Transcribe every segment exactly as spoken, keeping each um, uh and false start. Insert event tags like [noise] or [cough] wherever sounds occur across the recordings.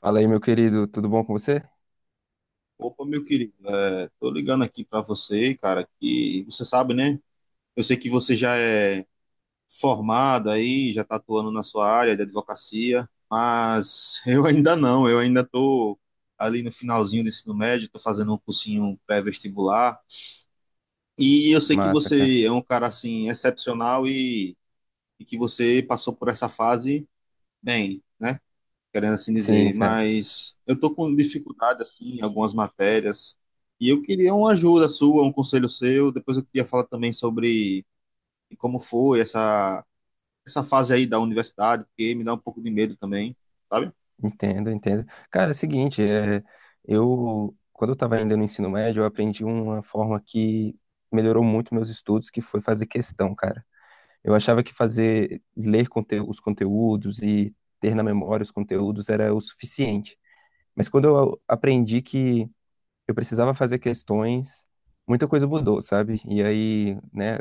Fala aí, meu querido, tudo bom com você? Opa, meu querido, é, tô ligando aqui pra você, cara, que você sabe, né? Eu sei que você já é formado aí, já tá atuando na sua área de advocacia, mas [laughs] eu ainda não, eu ainda tô ali no finalzinho do ensino médio, tô fazendo um cursinho pré-vestibular, e eu sei que Massa, cara. você é um cara, assim, excepcional e, e que você passou por essa fase bem, né? Querendo assim Sim, dizer, cara, mas eu tô com dificuldade assim em algumas matérias e eu queria uma ajuda sua, um conselho seu. Depois eu queria falar também sobre como foi essa essa fase aí da universidade, porque me dá um pouco de medo também, sabe? entendo, entendo. Cara, é o seguinte, é, eu, quando eu tava ainda no ensino médio, eu aprendi uma forma que melhorou muito meus estudos, que foi fazer questão, cara. Eu achava que fazer, ler conte- os conteúdos e ter na memória os conteúdos era o suficiente. Mas quando eu aprendi que eu precisava fazer questões, muita coisa mudou, sabe? E aí, né,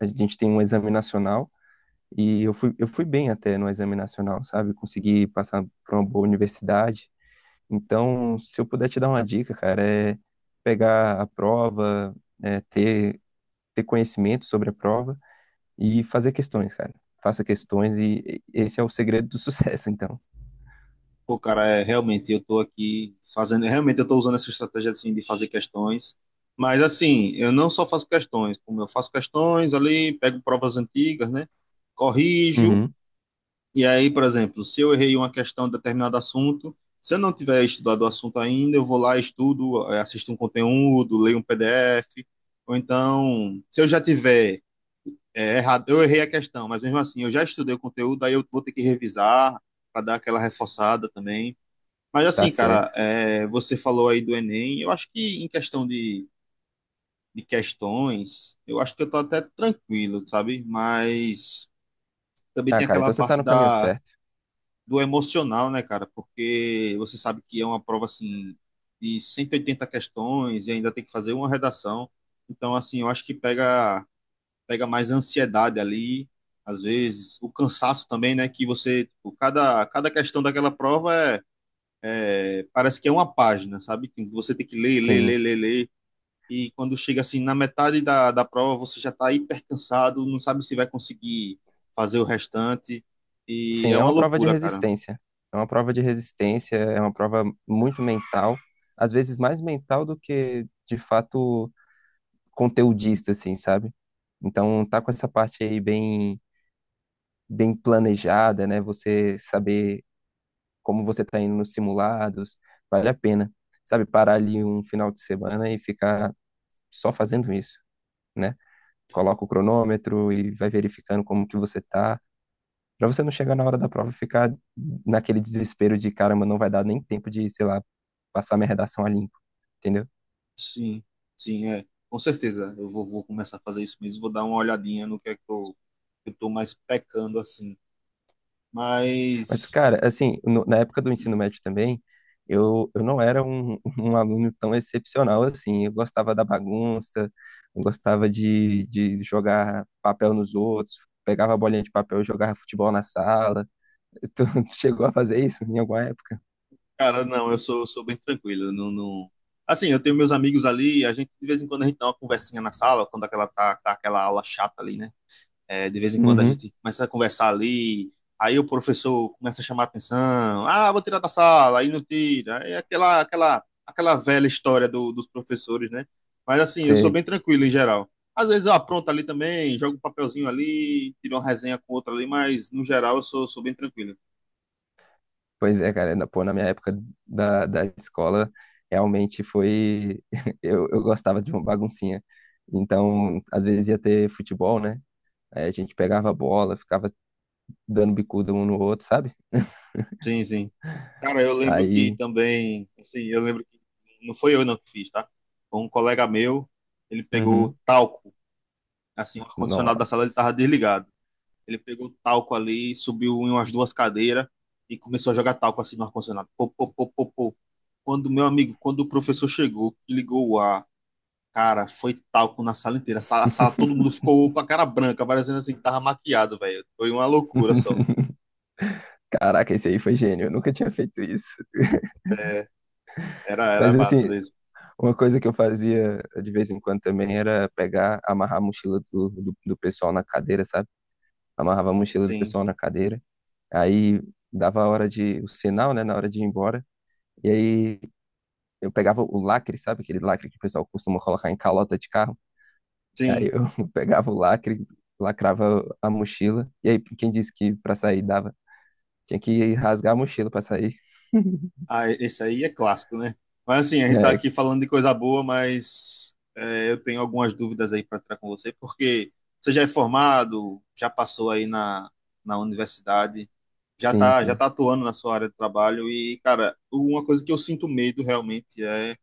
a gente tem um exame nacional. E eu fui, eu fui bem até no exame nacional, sabe? Consegui passar para uma boa universidade. Então, se eu puder te dar uma dica, cara, é pegar a prova, é ter, ter conhecimento sobre a prova e fazer questões, cara. Faça questões e esse é o segredo do [laughs] sucesso, então. Pô, cara, é realmente eu tô aqui fazendo, realmente eu tô usando essa estratégia assim de fazer questões. Mas assim, eu não só faço questões, como eu faço questões ali, pego provas antigas, né? Corrijo. Uhum. E aí, por exemplo, se eu errei uma questão de determinado assunto, se eu não tiver estudado o assunto ainda, eu vou lá, estudo, eh, assisto um conteúdo, leio um P Dê. Ou então, se eu já tiver eh, errado, eu errei a questão, mas mesmo assim, eu já estudei o conteúdo, aí eu vou ter que revisar para dar aquela reforçada também. Mas Tá assim, cara, certo. eh, você falou aí do Enem, eu acho que em questão de, de questões, eu acho que eu tô até tranquilo, sabe? Mas também Ah, tem cara, aquela então você tá parte no caminho da certo. do emocional, né, cara? Porque você sabe que é uma prova assim de cento e oitenta questões e ainda tem que fazer uma redação. Então, assim, eu acho que pega pega mais ansiedade ali, às vezes o cansaço também, né? Que você, tipo, cada cada questão daquela prova é, é- parece que é uma página, sabe? Que você tem que ler, ler, Sim, ler, ler, ler. E quando chega assim na metade da, da prova, você já está hiper cansado, não sabe se vai conseguir fazer o restante. E sim, é é uma uma prova de loucura, cara. resistência. É uma prova de resistência, é uma prova muito mental, às vezes mais mental do que de fato conteudista, assim, sabe? Então, tá com essa parte aí bem, bem planejada, né? Você saber como você tá indo nos simulados, vale a pena, sabe? Parar ali um final de semana e ficar só fazendo isso, né? Coloca o cronômetro e vai verificando como que você tá, pra você não chegar na hora da prova e ficar naquele desespero de, caramba, não vai dar nem tempo de, sei lá, passar minha redação a limpo, entendeu? Sim, sim, é. Com certeza. Eu vou, vou começar a fazer isso mesmo. Vou dar uma olhadinha no que é que eu, que eu tô mais pecando, assim. Mas, Mas, cara, assim, no- na época do ensino médio também, eu, eu não era um [laughs] um aluno tão excepcional assim. Eu gostava da bagunça, eu gostava de, de jogar papel nos outros, pegava a bolinha de papel e jogava futebol na sala. [laughs] Tu, tu chegou a fazer isso em alguma época? cara, não, eu sou, sou bem tranquilo. Eu Não, não... Assim, eu tenho meus amigos ali, a gente, de vez em quando, a gente dá uma conversinha na sala, quando aquela, tá, tá aquela aula chata ali, né? É, de vez em quando a Uhum, gente começa a conversar ali, aí o professor começa a chamar a atenção, ah, vou tirar da sala, aí não tira, é aquela, aquela, aquela velha história do, dos professores, né? Mas assim, eu sou sei. bem tranquilo em geral. Às vezes eu apronto ali também, jogo um papelzinho ali, tiro uma resenha com outra ali, mas no geral eu sou, sou bem tranquilo. Pois é, cara, na, pô, na minha época da, da escola, realmente foi. [laughs] Eu, eu gostava de uma baguncinha. Então, às vezes ia ter futebol, né? Aí a gente pegava a bola, ficava dando bicuda um no outro, sabe? [laughs] Sim, sim. Cara, eu lembro que Aí, também, assim, eu lembro que não foi eu não que fiz, tá? Foi um colega meu, ele uhum, pegou talco, assim, o ar-condicionado da sala ele tava nossa. desligado. Ele pegou talco ali, subiu em umas duas cadeiras e começou a jogar talco assim no ar-condicionado. Pô, pô, pô, pô, pô. Quando, meu amigo, quando o professor chegou, que ligou o ar, cara, foi talco na sala inteira. A sala, a sala todo mundo ficou com a cara branca, parecendo assim que tava maquiado, velho. Foi uma loucura só. [laughs] Caraca, esse aí foi gênio, eu nunca tinha feito isso. É, era, Mas era massa assim, mesmo. uma coisa que eu fazia de vez em quando também era pegar, amarrar a mochila do, do, do pessoal na cadeira, sabe? Amarrava a mochila do Sim, pessoal na cadeira, aí dava a hora de, o sinal, né, na hora de ir embora, e aí eu pegava o lacre, sabe? Aquele lacre que o pessoal costuma colocar em calota de carro. Aí sim. eu [laughs] pegava o lacre, lacrava a mochila. E aí, quem disse que pra sair dava? Tinha que rasgar a mochila pra sair. [laughs] Ah, esse aí é clássico, né? Mas assim, a gente tá É, aqui falando de coisa boa, mas é, eu tenho algumas dúvidas aí para entrar com você, porque você já é formado, já passou aí na, na universidade, já sim, tá, já sim. tá atuando na sua área de trabalho e, cara, uma coisa que eu sinto medo realmente é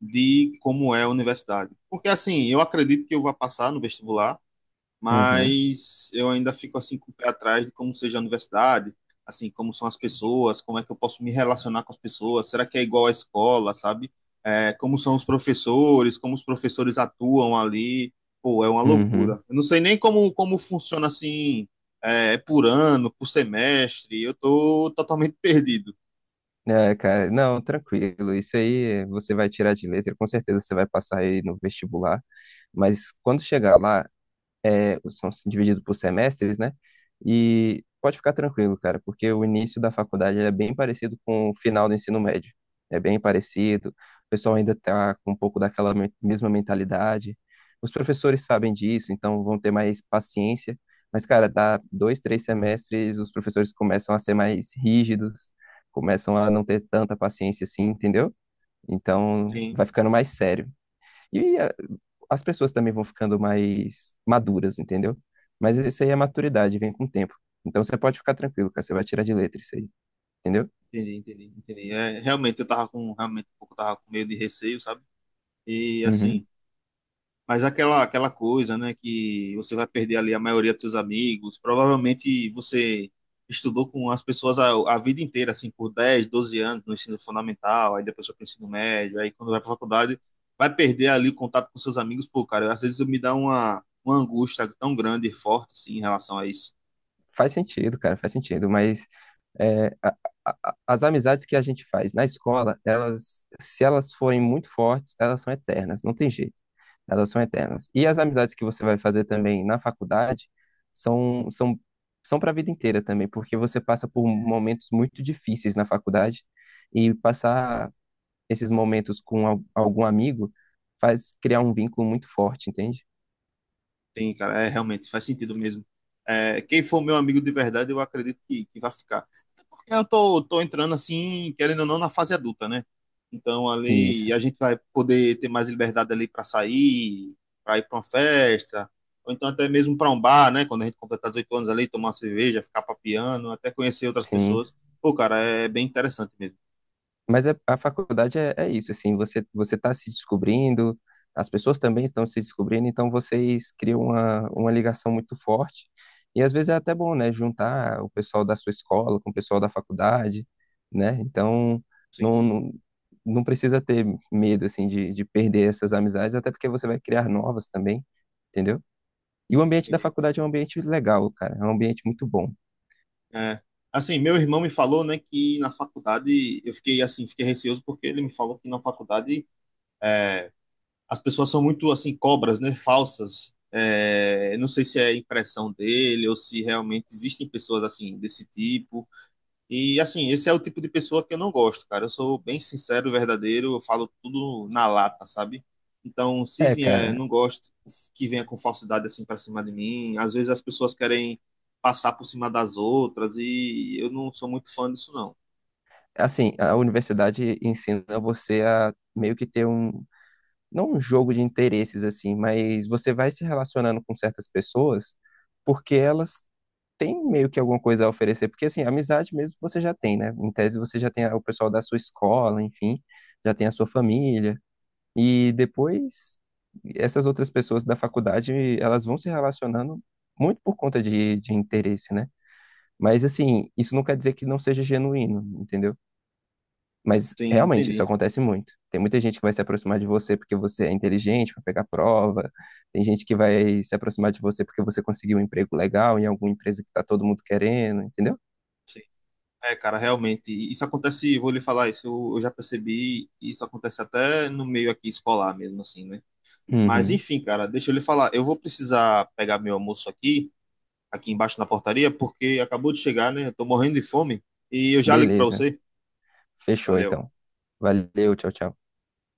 de como é a universidade. Porque assim, eu acredito que eu vou passar no vestibular, Uhum, mas eu ainda fico assim com o pé atrás de como seja a universidade, assim, como são as pessoas, como é que eu posso me relacionar com as pessoas, será que é igual à escola, sabe? É, como são os professores, como os professores atuam ali, pô, é uma uhum. loucura. Eu não sei nem como, como funciona assim, é, por ano, por semestre, eu tô totalmente [laughs] perdido. É, cara, não, tranquilo. Isso aí é, você vai tirar de letra, com certeza você vai passar aí no vestibular. Mas quando chegar lá, é, são divididos por semestres, né? E pode ficar tranquilo, cara, porque o início da faculdade é bem parecido com o final do ensino médio. É bem parecido. O pessoal ainda está com um pouco daquela me- mesma mentalidade. Os professores sabem disso, então vão ter mais paciência. Mas, cara, dá dois, três semestres, os professores começam a ser mais rígidos, começam a não ter tanta paciência assim, entendeu? Então, Sim, vai ficando mais sério. E as pessoas também vão ficando mais maduras, entendeu? Mas isso aí é maturidade, vem com o tempo. Então você pode ficar tranquilo, cara, você vai tirar de letra isso aí, entendeu? entendi, entendi, entendi. É, realmente eu tava com, realmente um pouco tava com medo de receio, sabe? E assim, Uhum. mas aquela, aquela coisa, né, que você vai perder ali a maioria dos seus amigos, provavelmente você estudou com as pessoas a, a vida inteira, assim, por dez doze anos no ensino fundamental, aí depois foi pro ensino médio, aí quando vai pra faculdade, vai perder ali o contato com seus amigos, pô, cara, às vezes me dá uma, uma angústia tão grande e forte, assim, em relação a isso. Faz sentido, cara, faz sentido, mas é, a- a- a- as amizades que a gente faz na escola, elas, se elas forem muito fortes, elas são eternas, não tem jeito. Elas são eternas. E as amizades que você vai fazer também na faculdade são, são, são para a vida inteira também, porque você passa por momentos muito difíceis na faculdade e passar esses momentos com al- algum amigo faz criar um vínculo muito forte, entende? Tem, cara, é, realmente faz sentido mesmo. É, quem for meu amigo de verdade, eu acredito que, que vai ficar. Porque eu tô, tô entrando assim, querendo ou não, na fase adulta, né? Então ali Isso, a gente vai poder ter mais liberdade ali para sair, para ir para uma festa, ou então até mesmo para um bar, né? Quando a gente completar dezoito anos ali, tomar uma cerveja, ficar papiando, até conhecer outras sim. pessoas. Pô, cara, é bem interessante mesmo. Mas é- a faculdade é, é isso, assim, você você está se descobrindo, as pessoas também estão se descobrindo, então vocês criam uma, uma ligação muito forte. E às vezes é até bom, né, juntar o pessoal da sua escola com o pessoal da faculdade, né? Então, não, Sim, não, não precisa ter medo, assim, de, de perder essas amizades, até porque você vai criar novas também, entendeu? E o ambiente da entendi. faculdade é um ambiente legal, cara. É um ambiente muito bom. É. Assim, meu irmão me falou, né, que na faculdade eu fiquei assim, fiquei receoso porque ele me falou que na faculdade é, as pessoas são muito assim cobras, né, falsas. É, eu não sei se é impressão dele ou se realmente existem pessoas assim desse tipo. E assim, esse é o tipo de pessoa que eu não gosto, cara. Eu sou bem sincero, verdadeiro, eu falo tudo na lata, sabe? Então, se É, vier, cara. não gosto que venha com falsidade assim pra cima de mim. Às vezes as pessoas querem passar por cima das outras e eu não sou muito fã disso, não. Assim, a universidade ensina você a meio que ter um, não um jogo de interesses, assim, mas você vai se relacionando com certas pessoas porque elas têm meio que alguma coisa a oferecer. Porque, assim, amizade mesmo você já tem, né? Em tese você já tem o pessoal da sua escola, enfim, já tem a sua família. E depois, essas outras pessoas da faculdade, elas vão se relacionando muito por conta de, de interesse, né? Mas assim, isso não quer dizer que não seja genuíno, entendeu? Mas Sim, realmente isso entendi. acontece muito. Tem muita gente que vai se aproximar de você porque você é inteligente para pegar prova. Tem gente que vai se aproximar de você porque você conseguiu um emprego legal em alguma empresa que tá todo mundo querendo, entendeu? É, cara, realmente, isso acontece, vou lhe falar isso, eu, eu já percebi, isso acontece até no meio aqui escolar mesmo, assim, né? Mas Uhum. enfim, cara, deixa eu lhe falar, eu vou precisar pegar meu almoço aqui. Aqui embaixo na portaria, porque acabou de chegar, né? Eu tô morrendo de fome e eu já ligo para Beleza. você. Fechou Valeu. então. Valeu, tchau, tchau.